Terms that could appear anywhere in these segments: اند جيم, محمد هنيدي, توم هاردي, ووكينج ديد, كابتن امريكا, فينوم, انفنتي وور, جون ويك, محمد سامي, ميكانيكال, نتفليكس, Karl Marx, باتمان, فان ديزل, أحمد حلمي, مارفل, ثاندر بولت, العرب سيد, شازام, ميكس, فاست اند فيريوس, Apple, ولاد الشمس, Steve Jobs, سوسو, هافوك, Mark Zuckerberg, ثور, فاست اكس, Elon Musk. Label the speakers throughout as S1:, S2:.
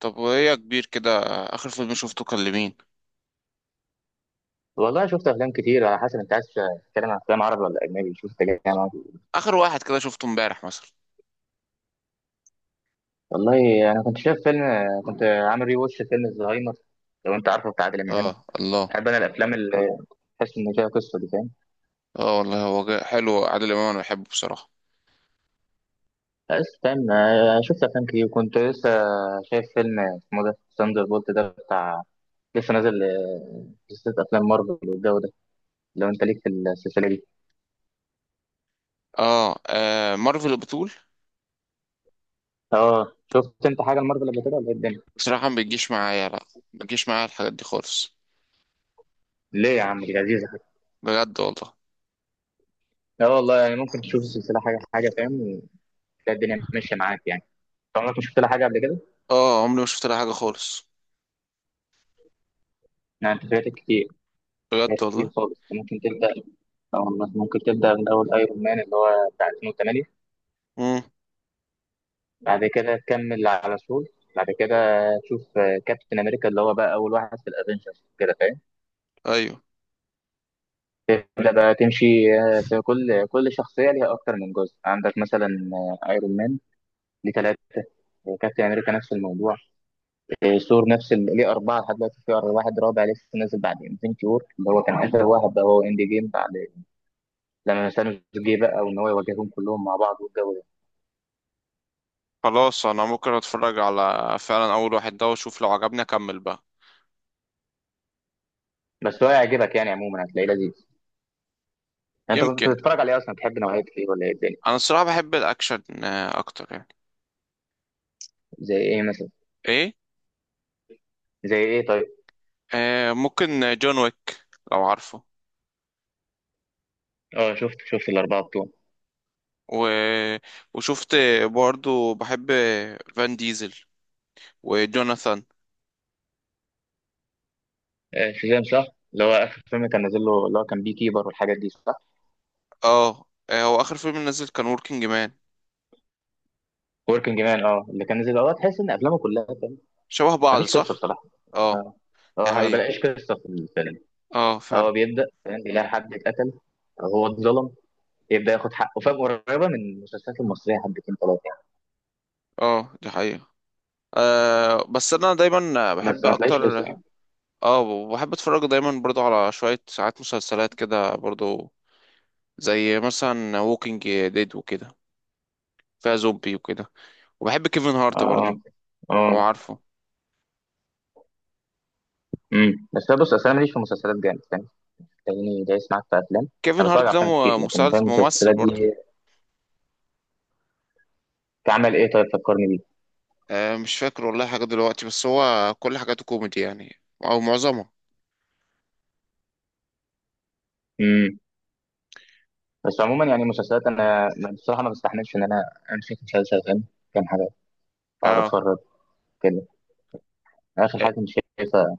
S1: طب وهي كبير كده، اخر فيلم شفته كان لمين؟
S2: والله شفت افلام كتير، على حسب انت عايز تتكلم عن افلام عربي ولا اجنبي. شوف انت جاي معاك إيه.
S1: اخر واحد كده شفته امبارح مثلا.
S2: والله انا كنت شايف فيلم، كنت عامل ري واتش فيلم الزهايمر، لو انت عارفه بتاع عادل امام.
S1: اه الله.
S2: بحب انا الافلام اللي تحس ان فيها قصه، دي فاهم؟
S1: اه والله، هو حلو عادل امام، انا بحبه بصراحه.
S2: بس فاهم. شفت افلام كتير، كنت لسه شايف فيلم اسمه ده ثاندر بولت، ده بتاع لسه نازل. سلسله افلام مارفل والجو ده، لو انت ليك في السلسله دي.
S1: اه, آه مارفل البتول.
S2: اه، شفت انت حاجه المارفل قبل كده ولا إيه الدنيا؟
S1: بصراحه ما بيجيش معايا، لا، ما بيجيش معايا الحاجات دي خالص.
S2: ليه يا عم؟ دي لذيذه.
S1: بجد والله.
S2: اه والله، يعني ممكن تشوف السلسله حاجه حاجه، فاهم؟ تلاقي الدنيا ماشيه معاك يعني. أنت عمرك ما شفت لها حاجه قبل كده؟
S1: اه، عمري ما شفت لها حاجه خالص.
S2: يعني انت فاتك كتير.
S1: بجد
S2: فاتك كتير
S1: والله.
S2: خالص. أو ممكن تبدا من اول ايرون مان اللي هو بتاع 2008.
S1: امم.
S2: بعد كده تكمل على سول، بعد كده تشوف كابتن امريكا اللي هو بقى اول واحد في الافنجرز كده فاهم.
S1: ايوه.
S2: تبدا بقى تمشي. في كل شخصيه ليها اكتر من جزء، عندك مثلا ايرون مان ليه ثلاثه، كابتن امريكا نفس الموضوع، ثور نفس ليه اربعه، لحد دلوقتي في واحد رابع لسه نازل بعد انفنتي وور اللي هو كان اخر واحد، بقى هو اند جيم بعد لما ثانوس جه بقى وان هو يواجههم كلهم مع بعض والجو ده.
S1: خلاص، انا ممكن اتفرج على فعلا اول واحد ده واشوف لو عجبني اكمل بقى.
S2: بس هو هيعجبك، يعني عموما هتلاقيه لذيذ. يعني انت كنت
S1: يمكن.
S2: بتتفرج عليه اصلا؟ بتحب نوعيه ايه ولا ايه الدنيا؟
S1: انا الصراحه بحب الاكشن اكتر يعني.
S2: زي ايه مثلا؟
S1: ايه.
S2: زي ايه طيب؟
S1: آه ممكن. جون ويك، لو عارفه.
S2: اه شفت الاربعه بتوع.
S1: و... وشفت، برضو بحب فان ديزل، وجوناثان.
S2: شازام صح؟ اللي هو اخر فيلم كان نازل له اللي هو كان بي كيبر والحاجات دي صح؟
S1: اه. آه، هو اخر فيلم نزل كان وركينج مان.
S2: وركينج مان، اه اللي كان نازل، اه تحس ان افلامه كلها فاهم.
S1: شبه بعض
S2: مفيش قصه
S1: صح.
S2: بصراحه.
S1: اه
S2: اه.
S1: دي
S2: انا ما
S1: حقيقة.
S2: بلاقيش قصه في الفيلم.
S1: اه فعلا.
S2: هو بيبدا فاهم، بيلاقي حد اتقتل أو هو اتظلم، يبدا ياخد حقه فاهم، قريبه من المسلسلات المصريه حبتين ثلاثه يعني.
S1: اه دي حقيقة. آه بس انا دايما
S2: بس
S1: بحب
S2: ما تلاقيش قصه.
S1: اكتر. اه، بحب اتفرج دايما برضو على شوية ساعات مسلسلات كده برضو، زي مثلا ووكينج ديد وكده، فيها زومبي وكده. وبحب كيفن هارت
S2: اه
S1: برضو،
S2: اه.
S1: لو عارفه.
S2: بس أنا بص، اصل انا ماليش في مسلسلات جامد فاهم، تلاقيني دايس معاك في افلام.
S1: كيفن
S2: انا
S1: هارت
S2: بتفرج على
S1: ده
S2: افلام كتير لكن فاهم
S1: ممثل
S2: المسلسلات
S1: برضو.
S2: دي كعمل ايه، طيب فكرني بيه.
S1: آه مش فاكر والله حاجة دلوقتي، بس هو كل حاجاته كوميدي يعني أو معظمها.
S2: امم بس عموما يعني مسلسلات انا بصراحه ما بستحملش ان انا امسك مسلسل فاهم كام حاجه، اقعد
S1: اه.
S2: اتفرج كده. اخر
S1: آه،
S2: حاجه كنت شايفها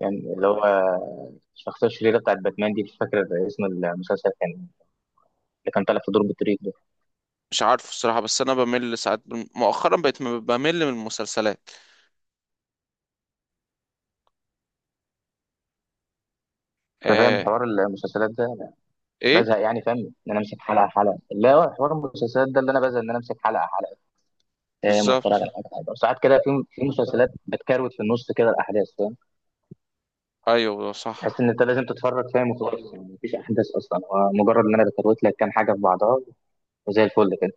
S2: يعني، اللي هو الشخصيه الشريره بتاعت باتمان دي، مش فاكر اسم المسلسل، كان اللي كان طالع في دور بطريق ده.
S1: مش عارف الصراحة، بس انا بمل ساعات. مؤخرا بقيت بمل من المسلسلات.
S2: انت فاهم
S1: آه.
S2: حوار المسلسلات ده؟ أنا
S1: ايه
S2: بزهق يعني فاهم ان انا امسك حلقه حلقه، لا حوار المسلسلات ده اللي انا بزهق ان انا امسك حلقه حلقه فاهم، واتفرج
S1: بالظبط؟
S2: على حاجه حلوه. ساعات كده في مسلسلات بتكروت في النص كده الاحداث فاهم،
S1: ايوه
S2: تحس ان
S1: صح.
S2: انت لازم تتفرج فاهم وخلاص، يعني مفيش احداث اصلا، هو مجرد ان انا بكروت لك كام حاجه في بعضها، وزي الفل كده.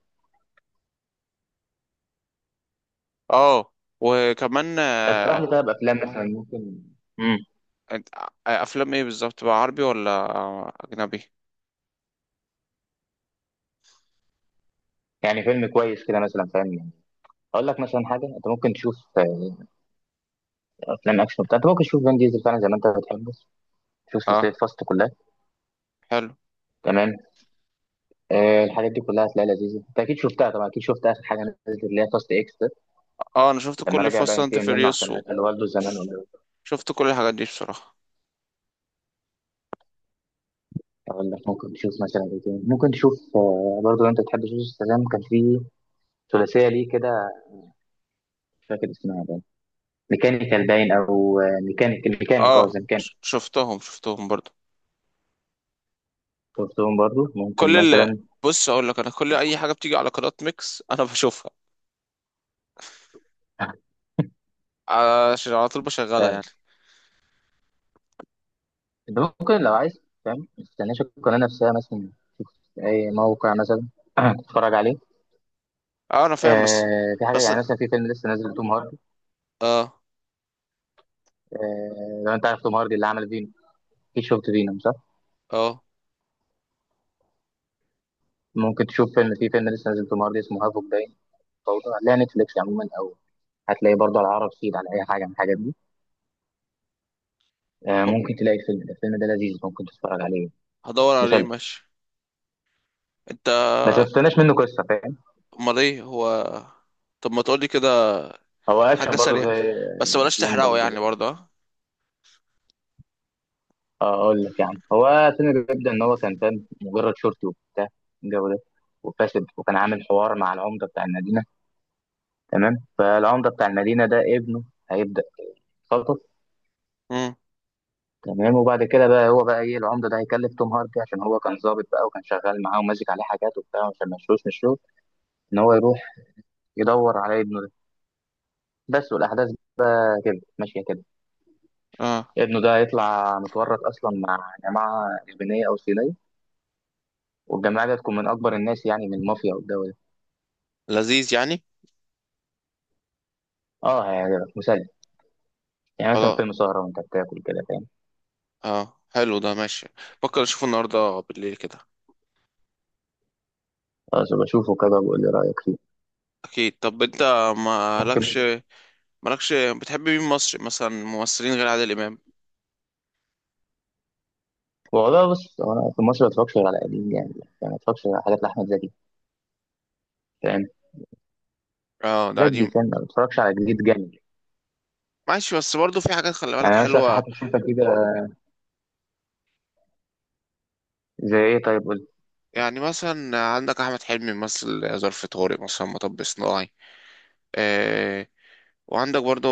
S1: اه وكمان
S2: اقترح
S1: آه.
S2: لي طيب افلام مثلا ممكن، امم
S1: أنت- آه، افلام ايه بالظبط بقى؟ عربي ولا آه، اجنبي؟
S2: يعني فيلم كويس كده مثلا فاهم يعني. اقول لك مثلا حاجه، انت ممكن تشوف افلام اكشن بتاع. انت ممكن تشوف فان ديزل فعلا زي ما انت بتحب، تشوف سلسله
S1: اه
S2: فاست كلها.
S1: حلو.
S2: تمام. الحاجات دي كلها هتلاقيها لذيذه. انت اكيد شفتها طبعا، اكيد شفت اخر حاجه نزلت اللي هي فاست اكس ده،
S1: اه انا شفت
S2: لما
S1: كل
S2: رجع بقى
S1: فاست اند
S2: ينتقم منه عشان
S1: فيريوس،
S2: قتل والده زمان.
S1: وشفت كل الحاجات دي بصراحة.
S2: أقول لك ممكن تشوف مثلا إيه تاني. ممكن تشوف برضه لو أنت بتحب سوسو السلام، كان في ثلاثية ليه كده، مش فاكر اسمها بقى، ميكانيكال باين أو ميكانيك الميكانيك أو
S1: اه
S2: ميكانيك.
S1: شفتهم برضو.
S2: شفتهم برضه، ممكن
S1: كل اللي،
S2: مثلا
S1: بص اقول لك، انا كل اي حاجه بتيجي على قناه ميكس انا بشوفها، عشان على طول بشغلها يعني.
S2: فاهم. أنت ممكن لو عايز فاهم، ما تستناش القناة نفسها مثلا، في أي موقع مثلا تتفرج عليه.
S1: اه انا فاهم بس.
S2: في حاجة،
S1: بس.
S2: يعني مثلا في فيلم لسه نازل لتوم هاردي.
S1: اه.
S2: لو أنت عارف توم هاردي اللي عمل فينوم، أكيد شفت فينوم صح؟
S1: اه
S2: ممكن تشوف فيلم، في فيلم لسه نازل توم هاردي اسمه هافوك، باين فوضى. عليها نتفليكس عموما، أو هتلاقي برضه على العرب سيد على اي حاجه من الحاجات دي.
S1: م-
S2: ممكن تلاقي الفيلم ده، الفيلم ده لذيذ ممكن تتفرج عليه.
S1: هدور عليه
S2: مسلي.
S1: ماشي. انت.
S2: بس ما تستناش منه قصه فاهم.
S1: امال ايه هو؟ طب ما تقولي كده،
S2: هو
S1: حاجه
S2: اكشن برضه
S1: سريعه،
S2: زي
S1: بس بلاش
S2: افلام
S1: تحرقه
S2: برضه.
S1: يعني برضه اه.
S2: اقول لك يعني، هو فيلم بيبدا ان هو كان فاهم مجرد شرطي وبتاع الجو ده، وفاسد، وكان عامل حوار مع العمده بتاع المدينه. تمام، فالعمده بتاع المدينه ده ابنه هيبدا يتخطف.
S1: امم.
S2: تمام، وبعد كده بقى هو بقى ايه، العمده ده هيكلف توم هاردي عشان هو كان ظابط بقى وكان شغال معاه وماسك عليه حاجات وبتاع، عشان ما يشوش من الشغل، ان هو يروح يدور على ابنه بس. والأحداث بقى كده ماشية كده.
S1: اه
S2: ابنه ده هيطلع متورط أصلا مع جماعة يابانية أو صينية، والجماعة دي هتكون من أكبر الناس، يعني من المافيا والدولة.
S1: لذيذ يعني.
S2: اه هيعجبك، مسلي يعني، مثلا
S1: خلاص.
S2: فيلم سهرة وأنت بتاكل كده فاهم.
S1: اه حلو ده ماشي، بفكر اشوفه النهارده بالليل كده.
S2: خلاص أبقى أشوفه كده وبقول لي رأيك فيه.
S1: اكيد. طب انت مالكش،
S2: ممكن.
S1: مالكش، بتحب مين مصري مثلا ممثلين غير عادل امام؟
S2: والله بص، هو أنا في مصر ما بتفرجش غير على قديم يعني ما بتفرجش على حاجات لأحمد زكي فاهم،
S1: اه ده
S2: الحاجات
S1: قديم.
S2: دي فاهم، ما بتفرجش على جديد جامد.
S1: ماشي، بس برضه في حاجات خلي
S2: يعني
S1: بالك
S2: أنا مثلا في
S1: حلوة.
S2: حاجة شفتها كده. زي إيه طيب قول لي.
S1: يعني مثلا عندك أحمد حلمي مثل ظرف طارق، مثلا مطب صناعي آه. وعندك برضه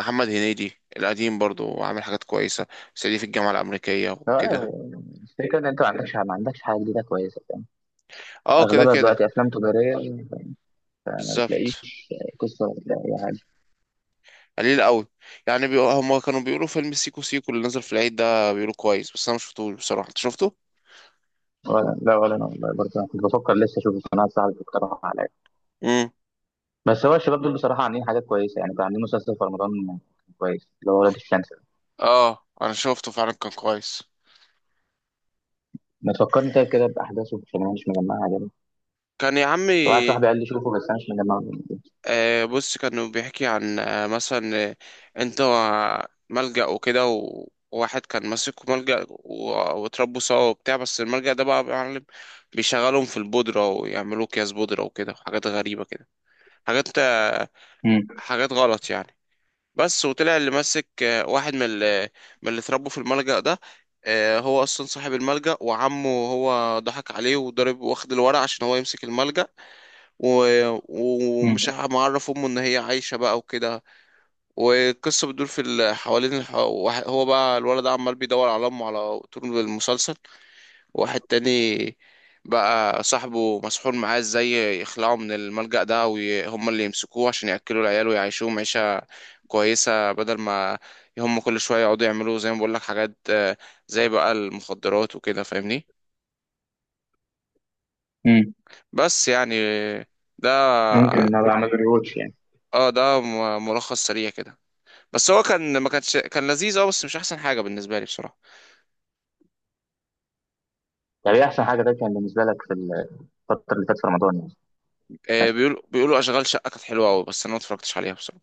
S1: محمد هنيدي القديم برضه، وعامل حاجات كويسة، صعيدي في الجامعة الأمريكية
S2: لا،
S1: وكده.
S2: أنا الفكرة إن أنت ما عندكش حاجة جديدة كويسة فاهم.
S1: اه كده
S2: أغلبها
S1: كده.
S2: دلوقتي أفلام تجارية، ما تلاقيش
S1: بالظبط.
S2: قصه ولا اي حاجه.
S1: قليل قوي. يعني هما كانوا بيقولوا فيلم سيكو سيكو اللي نزل في العيد ده بيقولوا كويس، بس أنا مشفتوش بصراحة. أنت شفته؟
S2: ولا لا ولا، انا والله برضه انا كنت بفكر لسه اشوف، القناه صاحبي اقترح عليا.
S1: امم.
S2: بس هو الشباب دول بصراحه عاملين حاجات كويسه، يعني كان عاملين مسلسل في رمضان كويس، اللي هو ولاد الشمس ده.
S1: اه أنا شفته فعلا، كان كويس.
S2: ما تفكرني طيب كده باحداثه، عشان انا مش مجمعها كده.
S1: كان يا
S2: واحد
S1: عمي
S2: صاحبي قال لي شوفه بس انا مش مجمعه.
S1: آه، بص، كانوا بيحكي عن آه، مثلا آه، انت ملجأ وكده وواحد كان ماسك ملجأ واتربوا سوا وبتاع، بس الملجأ ده بقى يا معلم بيشغلهم في البودرة ويعملوا أكياس بودرة وكده، وحاجات غريبة كده، حاجات آه،
S2: امم
S1: حاجات غلط يعني. بس وطلع اللي ماسك آه، واحد من اللي اتربوا في الملجأ ده آه، هو أصلا صاحب الملجأ، وعمه هو ضحك عليه وضرب واخد الورق عشان هو يمسك الملجأ،
S2: امم
S1: معرف امه ان هي عايشه بقى وكده. والقصه بتدور في هو بقى الولد ده عمال بيدور على امه على طول المسلسل. واحد تاني بقى صاحبه مسحور معاه ازاي يخلعه من الملجأ ده، وهم اللي يمسكوه عشان ياكلوا العيال ويعيشوهم عيشه كويسه، بدل ما هم كل شويه يقعدوا يعملوا زي ما بقول لك حاجات آه، زي بقى المخدرات وكده، فاهمني؟
S2: امم
S1: بس يعني ده.
S2: ممكن ان انا بعمل ريوتش يعني.
S1: اه ده ملخص سريع كده، بس هو كان ما كانش كان لذيذ اه، بس مش احسن حاجه بالنسبه لي بصراحه.
S2: طب ايه احسن حاجه ده كان بالنسبه لك في الفتره اللي فاتت في رمضان يعني؟
S1: آه،
S2: مثلا؟
S1: بيقولوا اشغال شقه كانت حلوه قوي، بس انا ما اتفرجتش عليها بصراحه.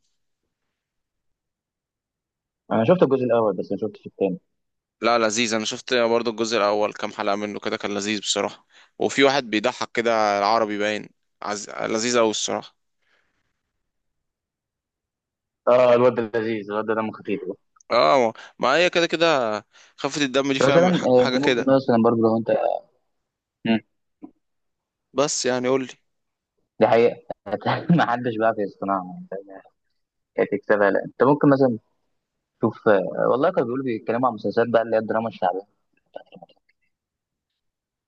S2: انا شفت الجزء الاول بس ما شفتش الثاني.
S1: لا لذيذ، انا شفت برضو الجزء الاول كام حلقه منه كده، كان لذيذ بصراحه. وفي واحد بيضحك كده العربي باين، لذيذ قوي الصراحه.
S2: اه الواد ده لذيذ، الواد ده دمه خفيف.
S1: اه ما، ما هي كده كده، خفه الدم دي
S2: مثلا
S1: فاهم
S2: انت
S1: حاجه
S2: ممكن
S1: كده.
S2: مثلا برضه، لو انت
S1: بس يعني قول لي.
S2: دي حقيقة ما حدش بيعرف يصنعها يعني فاهم؟ كانت تكسبها. لا انت ممكن مثلا تشوف، والله كانوا بيقولوا، بيتكلموا عن مسلسلات بقى اللي هي الدراما الشعبية بتاعت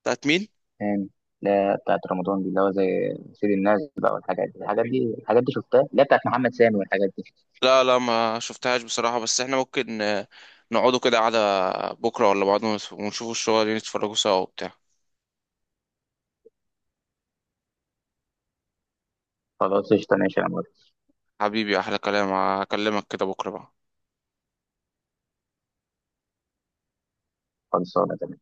S1: بتاعت مين؟
S2: زمان، اللي هي بتاعت رمضان دي اللي هو زي سيد الناس بقى والحاجات دي، الحاجات دي الحاجات دي شفتها، اللي هي بتاعت محمد سامي والحاجات دي.
S1: لا لا ما شفتهاش بصراحه، بس احنا ممكن آه، نقعدوا كده قعده بكره ولا بعد، ونشوفوا الشغل نتفرجوا سوا وبتاع.
S2: خلاص قشطة ماشي يا عمر.
S1: حبيبي احلى كلام، هكلمك كده بكره بقى.
S2: خلصانة تمام.